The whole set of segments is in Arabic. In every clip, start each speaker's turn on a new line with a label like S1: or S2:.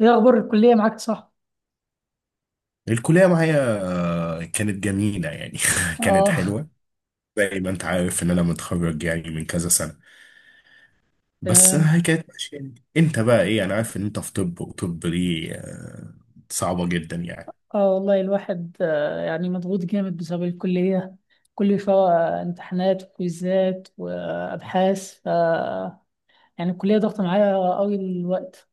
S1: ايه اخبار الكليه معاك صح؟
S2: الكلية معايا. كانت جميلة يعني كانت
S1: اه.
S2: حلوة. زي ما انت عارف ان انا متخرج يعني من كذا سنة، بس
S1: تمام.
S2: هي كانت ماشية يعني. انت بقى ايه؟ انا عارف ان انت في طب، وطب دي صعبة جدا يعني.
S1: اه والله الواحد يعني مضغوط جامد بسبب الكليه. كل شويه امتحانات وكويزات وابحاث ف يعني الكليه ضغط معايا قوي الوقت.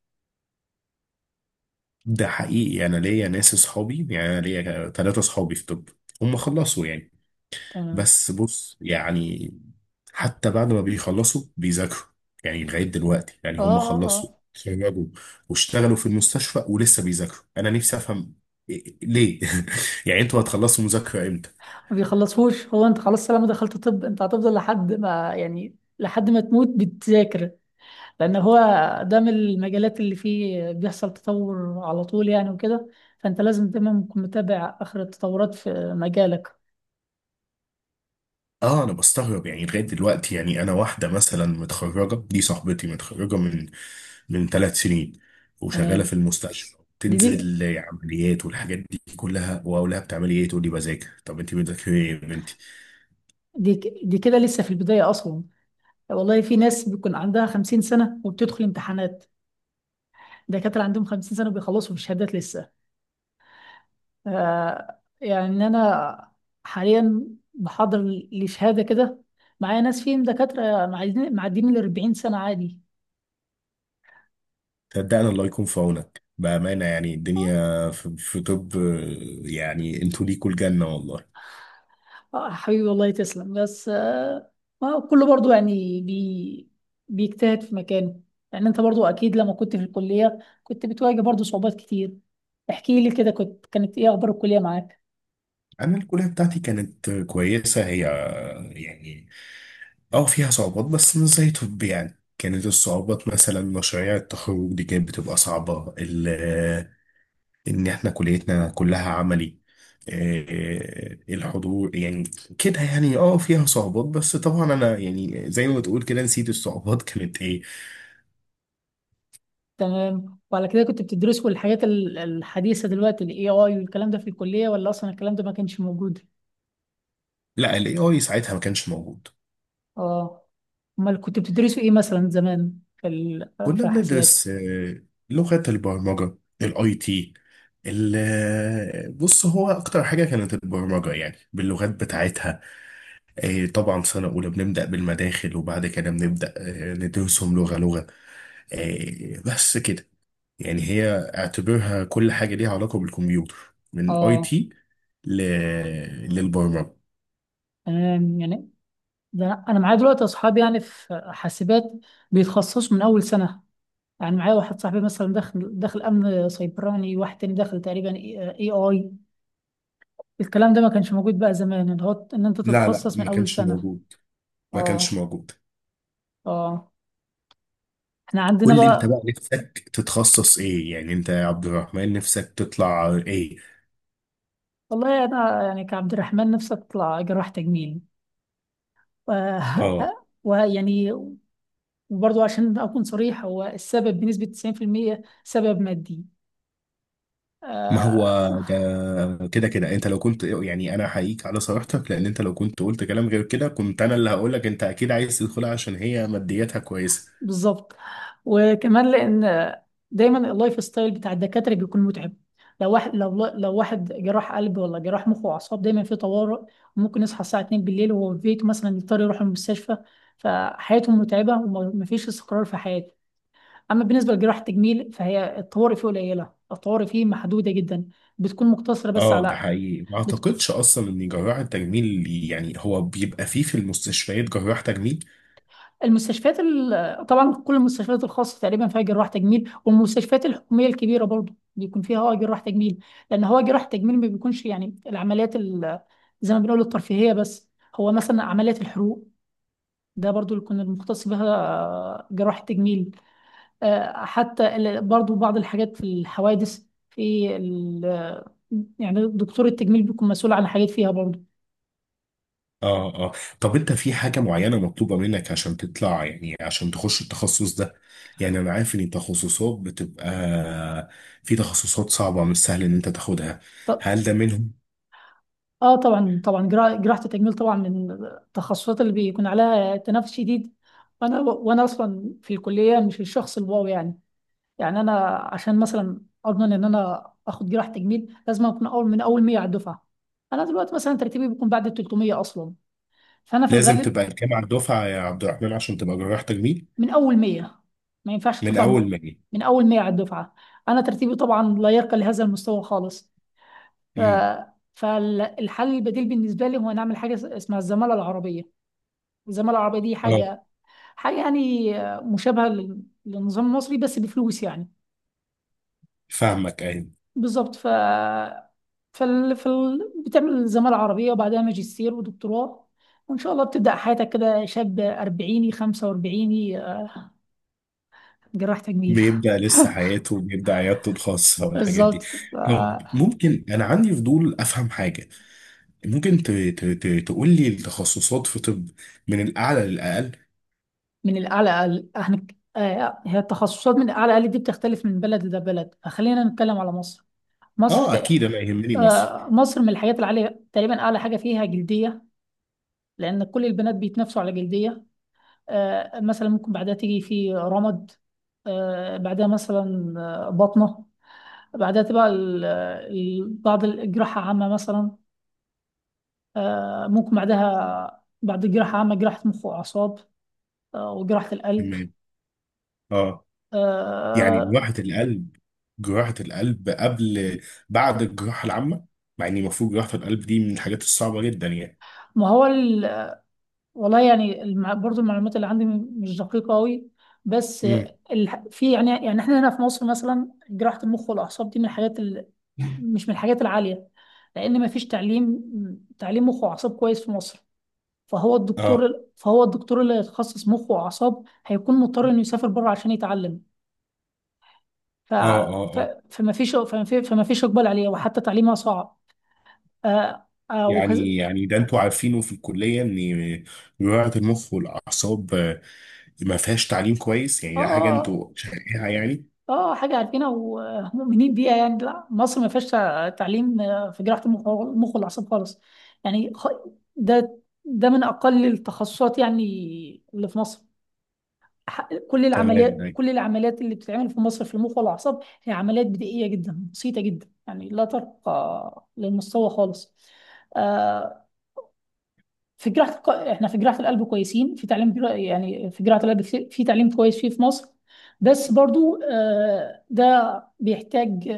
S2: ده حقيقي، انا ليا ناس اصحابي، يعني انا ليا ثلاثة اصحابي في طب، هم خلصوا يعني.
S1: تمام.
S2: بس بص يعني، حتى بعد ما بيخلصوا بيذاكروا، يعني لغاية دلوقتي يعني
S1: اه
S2: هم
S1: اه
S2: خلصوا،
S1: اه
S2: اتخرجوا، واشتغلوا في المستشفى ولسه بيذاكروا. انا نفسي افهم ليه. يعني انتوا هتخلصوا مذاكرة امتى؟
S1: ما بيخلصوش، هو انت خلاص طالما دخلت طب انت هتفضل لحد ما، يعني لحد ما تموت بتذاكر. لان هو ده من المجالات اللي فيه بيحصل تطور على طول يعني وكده. فانت لازم دايما تكون متابع اخر التطورات في مجالك.
S2: اه، انا بستغرب يعني، لغاية دلوقتي يعني انا واحدة مثلا متخرجة، دي صاحبتي متخرجة من ثلاث سنين،
S1: تمام.
S2: وشغالة في المستشفى،
S1: دي
S2: تنزل عمليات والحاجات دي كلها، واقول لها بتعملي ايه؟ تقول لي بذاكر. طب انت بتذاكري ايه يا بنتي؟
S1: دي كده لسه في البداية أصلا. والله في ناس بيكون عندها 50 سنة وبتدخل امتحانات، دكاترة عندهم 50 سنة وبيخلصوا بالشهادات لسه. آه يعني أنا حاليا بحضر لشهادة كده، معايا ناس فيهم دكاترة معديين ال 40 سنة عادي.
S2: صدقني، الله يكون في عونك بأمانة، يعني الدنيا في طب، يعني انتوا ليكوا الجنة والله.
S1: حبيبي والله تسلم، بس ما كله برضو يعني بيجتهد في مكانه. يعني انت برضو اكيد لما كنت في الكلية كنت بتواجه برضو صعوبات كتير. احكي لي كده، كنت كانت ايه اخبار الكلية معاك؟
S2: أنا الكلية بتاعتي كانت كويسة هي، يعني اه فيها صعوبات، بس مش زي طب يعني. كانت الصعوبات مثلا مشاريع التخرج دي كانت بتبقى صعبة إن احنا كليتنا كلها عملي، الحضور يعني كده يعني، اه فيها صعوبات، بس طبعا انا يعني زي ما بتقول كده نسيت الصعوبات كانت ايه.
S1: تمام، وعلى كده كنت بتدرسوا الحاجات الحديثة دلوقتي، الاي اي والكلام ده في الكلية، ولا اصلا الكلام ده ما كانش موجود؟
S2: لا، الاي اي ساعتها ما كانش موجود.
S1: اه. امال كنت بتدرسوا ايه مثلا زمان في
S2: كنا
S1: في حاسبات؟
S2: بندرس لغة البرمجة، الاي تي. بص، هو اكتر حاجة كانت البرمجة يعني باللغات بتاعتها. طبعا سنة اولى بنبدأ بالمداخل، وبعد كده بنبدأ ندرسهم لغة لغة. بس كده يعني، هي اعتبرها كل حاجة ليها علاقة بالكمبيوتر، من اي
S1: اه.
S2: تي للبرمجة.
S1: تمام يعني. ده أنا معايا دلوقتي اصحاب يعني في حاسبات بيتخصصوا من اول سنه. يعني معايا واحد صاحبي مثلا دخل امن سيبراني، واحد تاني دخل تقريبا اي اي. الكلام ده ما كانش موجود بقى زمان، ان هو ان انت
S2: لا لا،
S1: تتخصص من
S2: ما
S1: اول
S2: كانش
S1: سنه.
S2: موجود. ما كانش
S1: اه.
S2: موجود.
S1: اه. احنا عندنا
S2: قول لي انت
S1: بقى.
S2: بقى، نفسك تتخصص ايه يعني؟ انت يا عبد الرحمن نفسك تطلع ايه؟
S1: والله انا يعني كعبد الرحمن نفسي اطلع جراح تجميل، و-
S2: اه،
S1: ويعني، وبرضه عشان اكون صريح، هو السبب بنسبه 90% سبب مادي.
S2: ما
S1: آه.
S2: هو ده كده كده، انت لو كنت، يعني انا احييك على صراحتك لان انت لو كنت قلت كلام غير كده كنت انا اللي هقولك انت اكيد عايز تدخلها عشان هي مادياتها كويسه.
S1: بالظبط. وكمان لان دايما اللايف ستايل بتاع الدكاتره بيكون متعب. لو واحد، لو واحد جراح قلب ولا جراح مخ واعصاب دايما في طوارئ. ممكن يصحى الساعه 2 بالليل وهو في بيته مثلا يضطر يروح المستشفى. فحياتهم متعبه ومفيش استقرار في حياته. اما بالنسبه لجراح التجميل فهي الطوارئ فيه قليله، الطوارئ فيه محدوده جدا، بتكون مقتصره بس
S2: اه، ده
S1: على.
S2: حقيقي. ما
S1: بتكون
S2: اعتقدش اصلا ان جراح التجميل، يعني هو بيبقى فيه في المستشفيات جراح تجميل؟
S1: المستشفيات طبعا كل المستشفيات الخاصه تقريبا فيها جراح تجميل، والمستشفيات الحكوميه الكبيره برضو بيكون فيها جراح تجميل. لان هو جراح تجميل ما بيكونش يعني العمليات زي ما بنقول الترفيهيه بس. هو مثلا عمليات الحروق، ده برضو اللي يكون المختص بها جراح التجميل. حتى برضو بعض الحاجات في الحوادث في يعني دكتور التجميل بيكون مسؤول عن حاجات فيها برضو.
S2: اه اه. طب انت في حاجة معينة مطلوبة منك عشان تطلع، يعني عشان تخش التخصص ده؟ يعني انا عارف ان التخصصات بتبقى، في تخصصات صعبة، مش سهل ان انت تاخدها، هل ده منهم؟
S1: اه طبعا، جراحة التجميل طبعا من التخصصات اللي بيكون عليها تنافس شديد. وانا اصلا في الكلية مش الشخص الواو يعني. يعني انا عشان مثلا اضمن ان انا اخد جراحة تجميل لازم اكون اول، من اول 100 على الدفعة. انا دلوقتي مثلا ترتيبي بيكون بعد ال 300 اصلا. فانا في
S2: لازم
S1: الغالب
S2: تبقى الجامعة الدفعة يا عبد الرحمن عشان تبقى جراح تجميل؟
S1: من اول 100. ما ينفعش
S2: من
S1: تطلع
S2: اول ما جه.
S1: من اول 100 على الدفعة. انا ترتيبي طبعا لا يرقى لهذا المستوى خالص. ف...
S2: امم.
S1: فالحل البديل بالنسبة لي هو نعمل حاجة اسمها الزمالة العربية. الزمالة العربية دي
S2: اه،
S1: حاجة حاجة يعني مشابهة للنظام المصري بس بفلوس يعني.
S2: فاهمك، ايوه.
S1: بالظبط. بتعمل زمالة عربية وبعدها ماجستير ودكتوراه، وإن شاء الله بتبدأ حياتك كده شاب أربعيني، خمسة وأربعيني، جراح تجميل.
S2: بيبدأ لسه حياته، بيبدأ عيادته الخاصة والحاجات
S1: بالظبط.
S2: دي. طب
S1: ف-
S2: ممكن، انا عندي فضول افهم حاجة. ممكن تقول لي التخصصات في طب، من الاعلى للاقل؟
S1: من الأعلى احنا هي التخصصات من الأعلى أقل دي بتختلف من بلد لبلد، فخلينا نتكلم على مصر. مصر
S2: اه
S1: تق-
S2: اكيد، انا يهمني مصر.
S1: مصر من الحاجات العالية، تقريبا أعلى حاجة فيها جلدية، لأن كل البنات بيتنافسوا على جلدية. مثلا ممكن بعدها تيجي في رمد. بعدها مثلا بطنة. بعدها تبقى بعض الجراحة عامة مثلا. ممكن بعدها بعد الجراحة عامة جراحة مخ وأعصاب. وجراحة القلب.
S2: تمام. اه. يعني
S1: آه،
S2: جراحة القلب، جراحة القلب قبل، بعد الجراحة العامة، مع ان المفروض جراحة القلب دي من الحاجات الصعبة جدا يعني.
S1: ما هو والله يعني برضو المعلومات اللي عندي مش دقيقة أوي. بس
S2: امم.
S1: في يعني، يعني احنا هنا في مصر مثلا جراحة المخ والأعصاب دي من الحاجات مش من الحاجات العالية. لأن مفيش تعليم، تعليم مخ وأعصاب كويس في مصر. فهو
S2: اه
S1: الدكتور فهو الدكتور اللي هيتخصص مخ وأعصاب هيكون مضطر إنه يسافر بره عشان يتعلم. ف...
S2: اه
S1: ف...
S2: اه. اه
S1: فمفيش إقبال عليه، وحتى تعليمها صعب. آه آه وكز...
S2: يعني، ده انتوا عارفينه في الكلية ان جراحة المخ والاعصاب ما فيهاش تعليم كويس، يعني
S1: آه
S2: ده حاجة
S1: آه
S2: انتوا شايفينها يعني؟
S1: حاجة عارفينها ومؤمنين بيها يعني. لا مصر ما فيهاش تعليم في جراحة المخ والأعصاب خالص. يعني خ... ده، ده من أقل التخصصات يعني اللي في مصر.
S2: تمام.
S1: كل العمليات اللي بتتعمل في مصر في المخ والاعصاب هي عمليات بدائيه جدا، بسيطه جدا يعني، لا ترقى للمستوى خالص. آه، في احنا في جراحه القلب كويسين في يعني في جراحه القلب في تعليم كويس فيه في مصر. بس برضو ده بيحتاج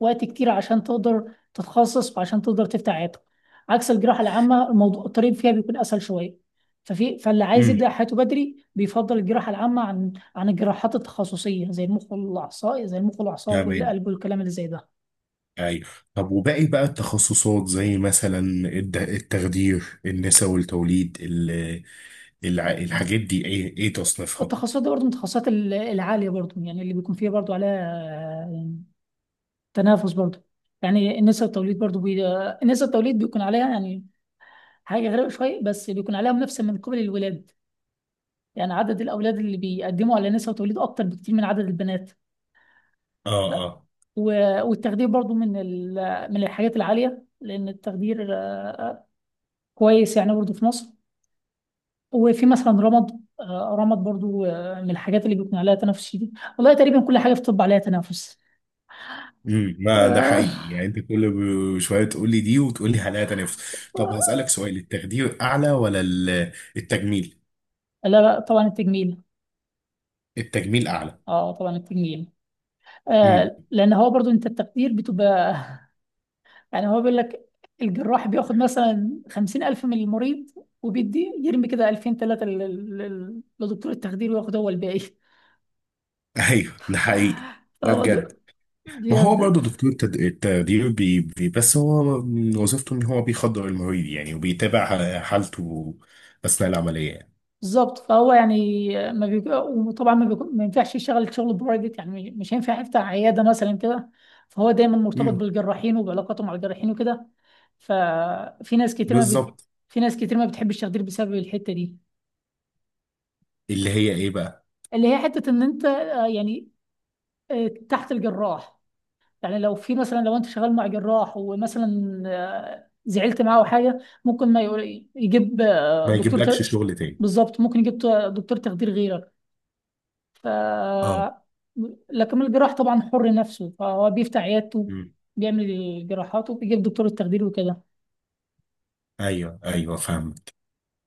S1: وقت كتير عشان تقدر تتخصص وعشان تقدر تفتح عيادتك. عكس الجراحة العامة، الموضوع الطريق فيها بيكون أسهل شوية. فاللي عايز
S2: امم.
S1: يبدأ حياته بدري بيفضل الجراحة العامة عن الجراحات التخصصية زي المخ والأعصاب،
S2: تمام.
S1: والقلب والكلام اللي زي ده.
S2: ايوه. طب وباقي بقى التخصصات، زي مثلا التخدير، النساء والتوليد، الحاجات دي ايه ايه تصنيفها؟
S1: التخصصات دي برضه من التخصصات العالية برضه، يعني اللي بيكون فيها برضه عليها تنافس برضه. يعني نسب التوليد بيكون عليها يعني حاجة غريبة شوية، بس بيكون عليها منافسة من قبل الولاد. يعني عدد الأولاد اللي بيقدموا على نسبة توليد أكتر بكتير من عدد البنات.
S2: اه اه.
S1: والتخدير برضو من من الحاجات العالية، لأن التخدير آه، كويس يعني برضو في مصر. وفي مثلا رمض برضو من الحاجات اللي بيكون عليها تنافس شديد. والله تقريبا كل حاجة في الطب عليها تنافس.
S2: امم، ما ده
S1: آه،
S2: حقيقي يعني، انت كل شويه تقول لي دي، وتقول لي حلقه تانيه طب هسألك سؤال، التخدير اعلى ولا التجميل؟
S1: لا لا طبعا التجميل.
S2: التجميل اعلى؟
S1: اه طبعا التجميل.
S2: امم
S1: لان هو برضو انت التقدير بتبقى يعني، هو بيقول لك الجراح بياخد مثلا خمسين ألف من المريض، وبيدي يرمي كده ألفين تلاتة لدكتور التخدير وياخد هو الباقي.
S2: ايوه ده حقيقي. ده
S1: فهو
S2: بجد. ما هو
S1: بجد.
S2: برضه دكتور التخدير، بي بي بس هو من وظيفته ان هو بيخدر المريض يعني، وبيتابع حالته اثناء العمليه يعني.
S1: بالظبط. فهو يعني ما بيبقى، وطبعا ما, بيكون- ما ينفعش يشتغل شغل برايفت يعني، مش هينفع يفتح عياده مثلا كده. فهو دايما مرتبط
S2: امم.
S1: بالجراحين وبعلاقاته مع الجراحين وكده. ففي ناس كتير ما بت...
S2: بالظبط.
S1: في ناس كتير ما بتحبش التخدير بسبب الحته دي،
S2: اللي هي ايه بقى؟
S1: اللي هي حته ان انت تحت الجراح. يعني لو في مثلا، لو انت شغال مع جراح ومثلا زعلت معاه او حاجه، ممكن ما يقول يجيب
S2: ما يجيبلكش شغل تاني.
S1: بالظبط. دكتور تخدير غيرك. ف
S2: اه.
S1: لكن الجراح طبعا حر نفسه، فهو بيفتح عيادته،
S2: امم.
S1: بيعمل جراحاته، بيجيب دكتور التخدير وكده.
S2: ايوه ايوه فهمت.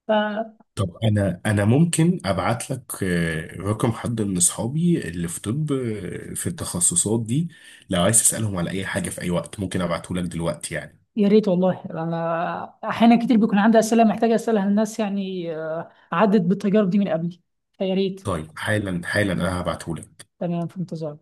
S1: فيا
S2: طب انا ممكن ابعت لك رقم حد من اصحابي اللي في طب في التخصصات دي، لو عايز تسالهم على اي حاجه، في اي وقت ممكن ابعته لك دلوقتي يعني.
S1: ريت، والله انا احيانا كتير بيكون عندي اسئله محتاجه اسالها للناس، يعني عدت بالتجارب دي من قبل. فيا ريت.
S2: طيب، حالا حالا انا هبعته لك
S1: تمام، في انتظار.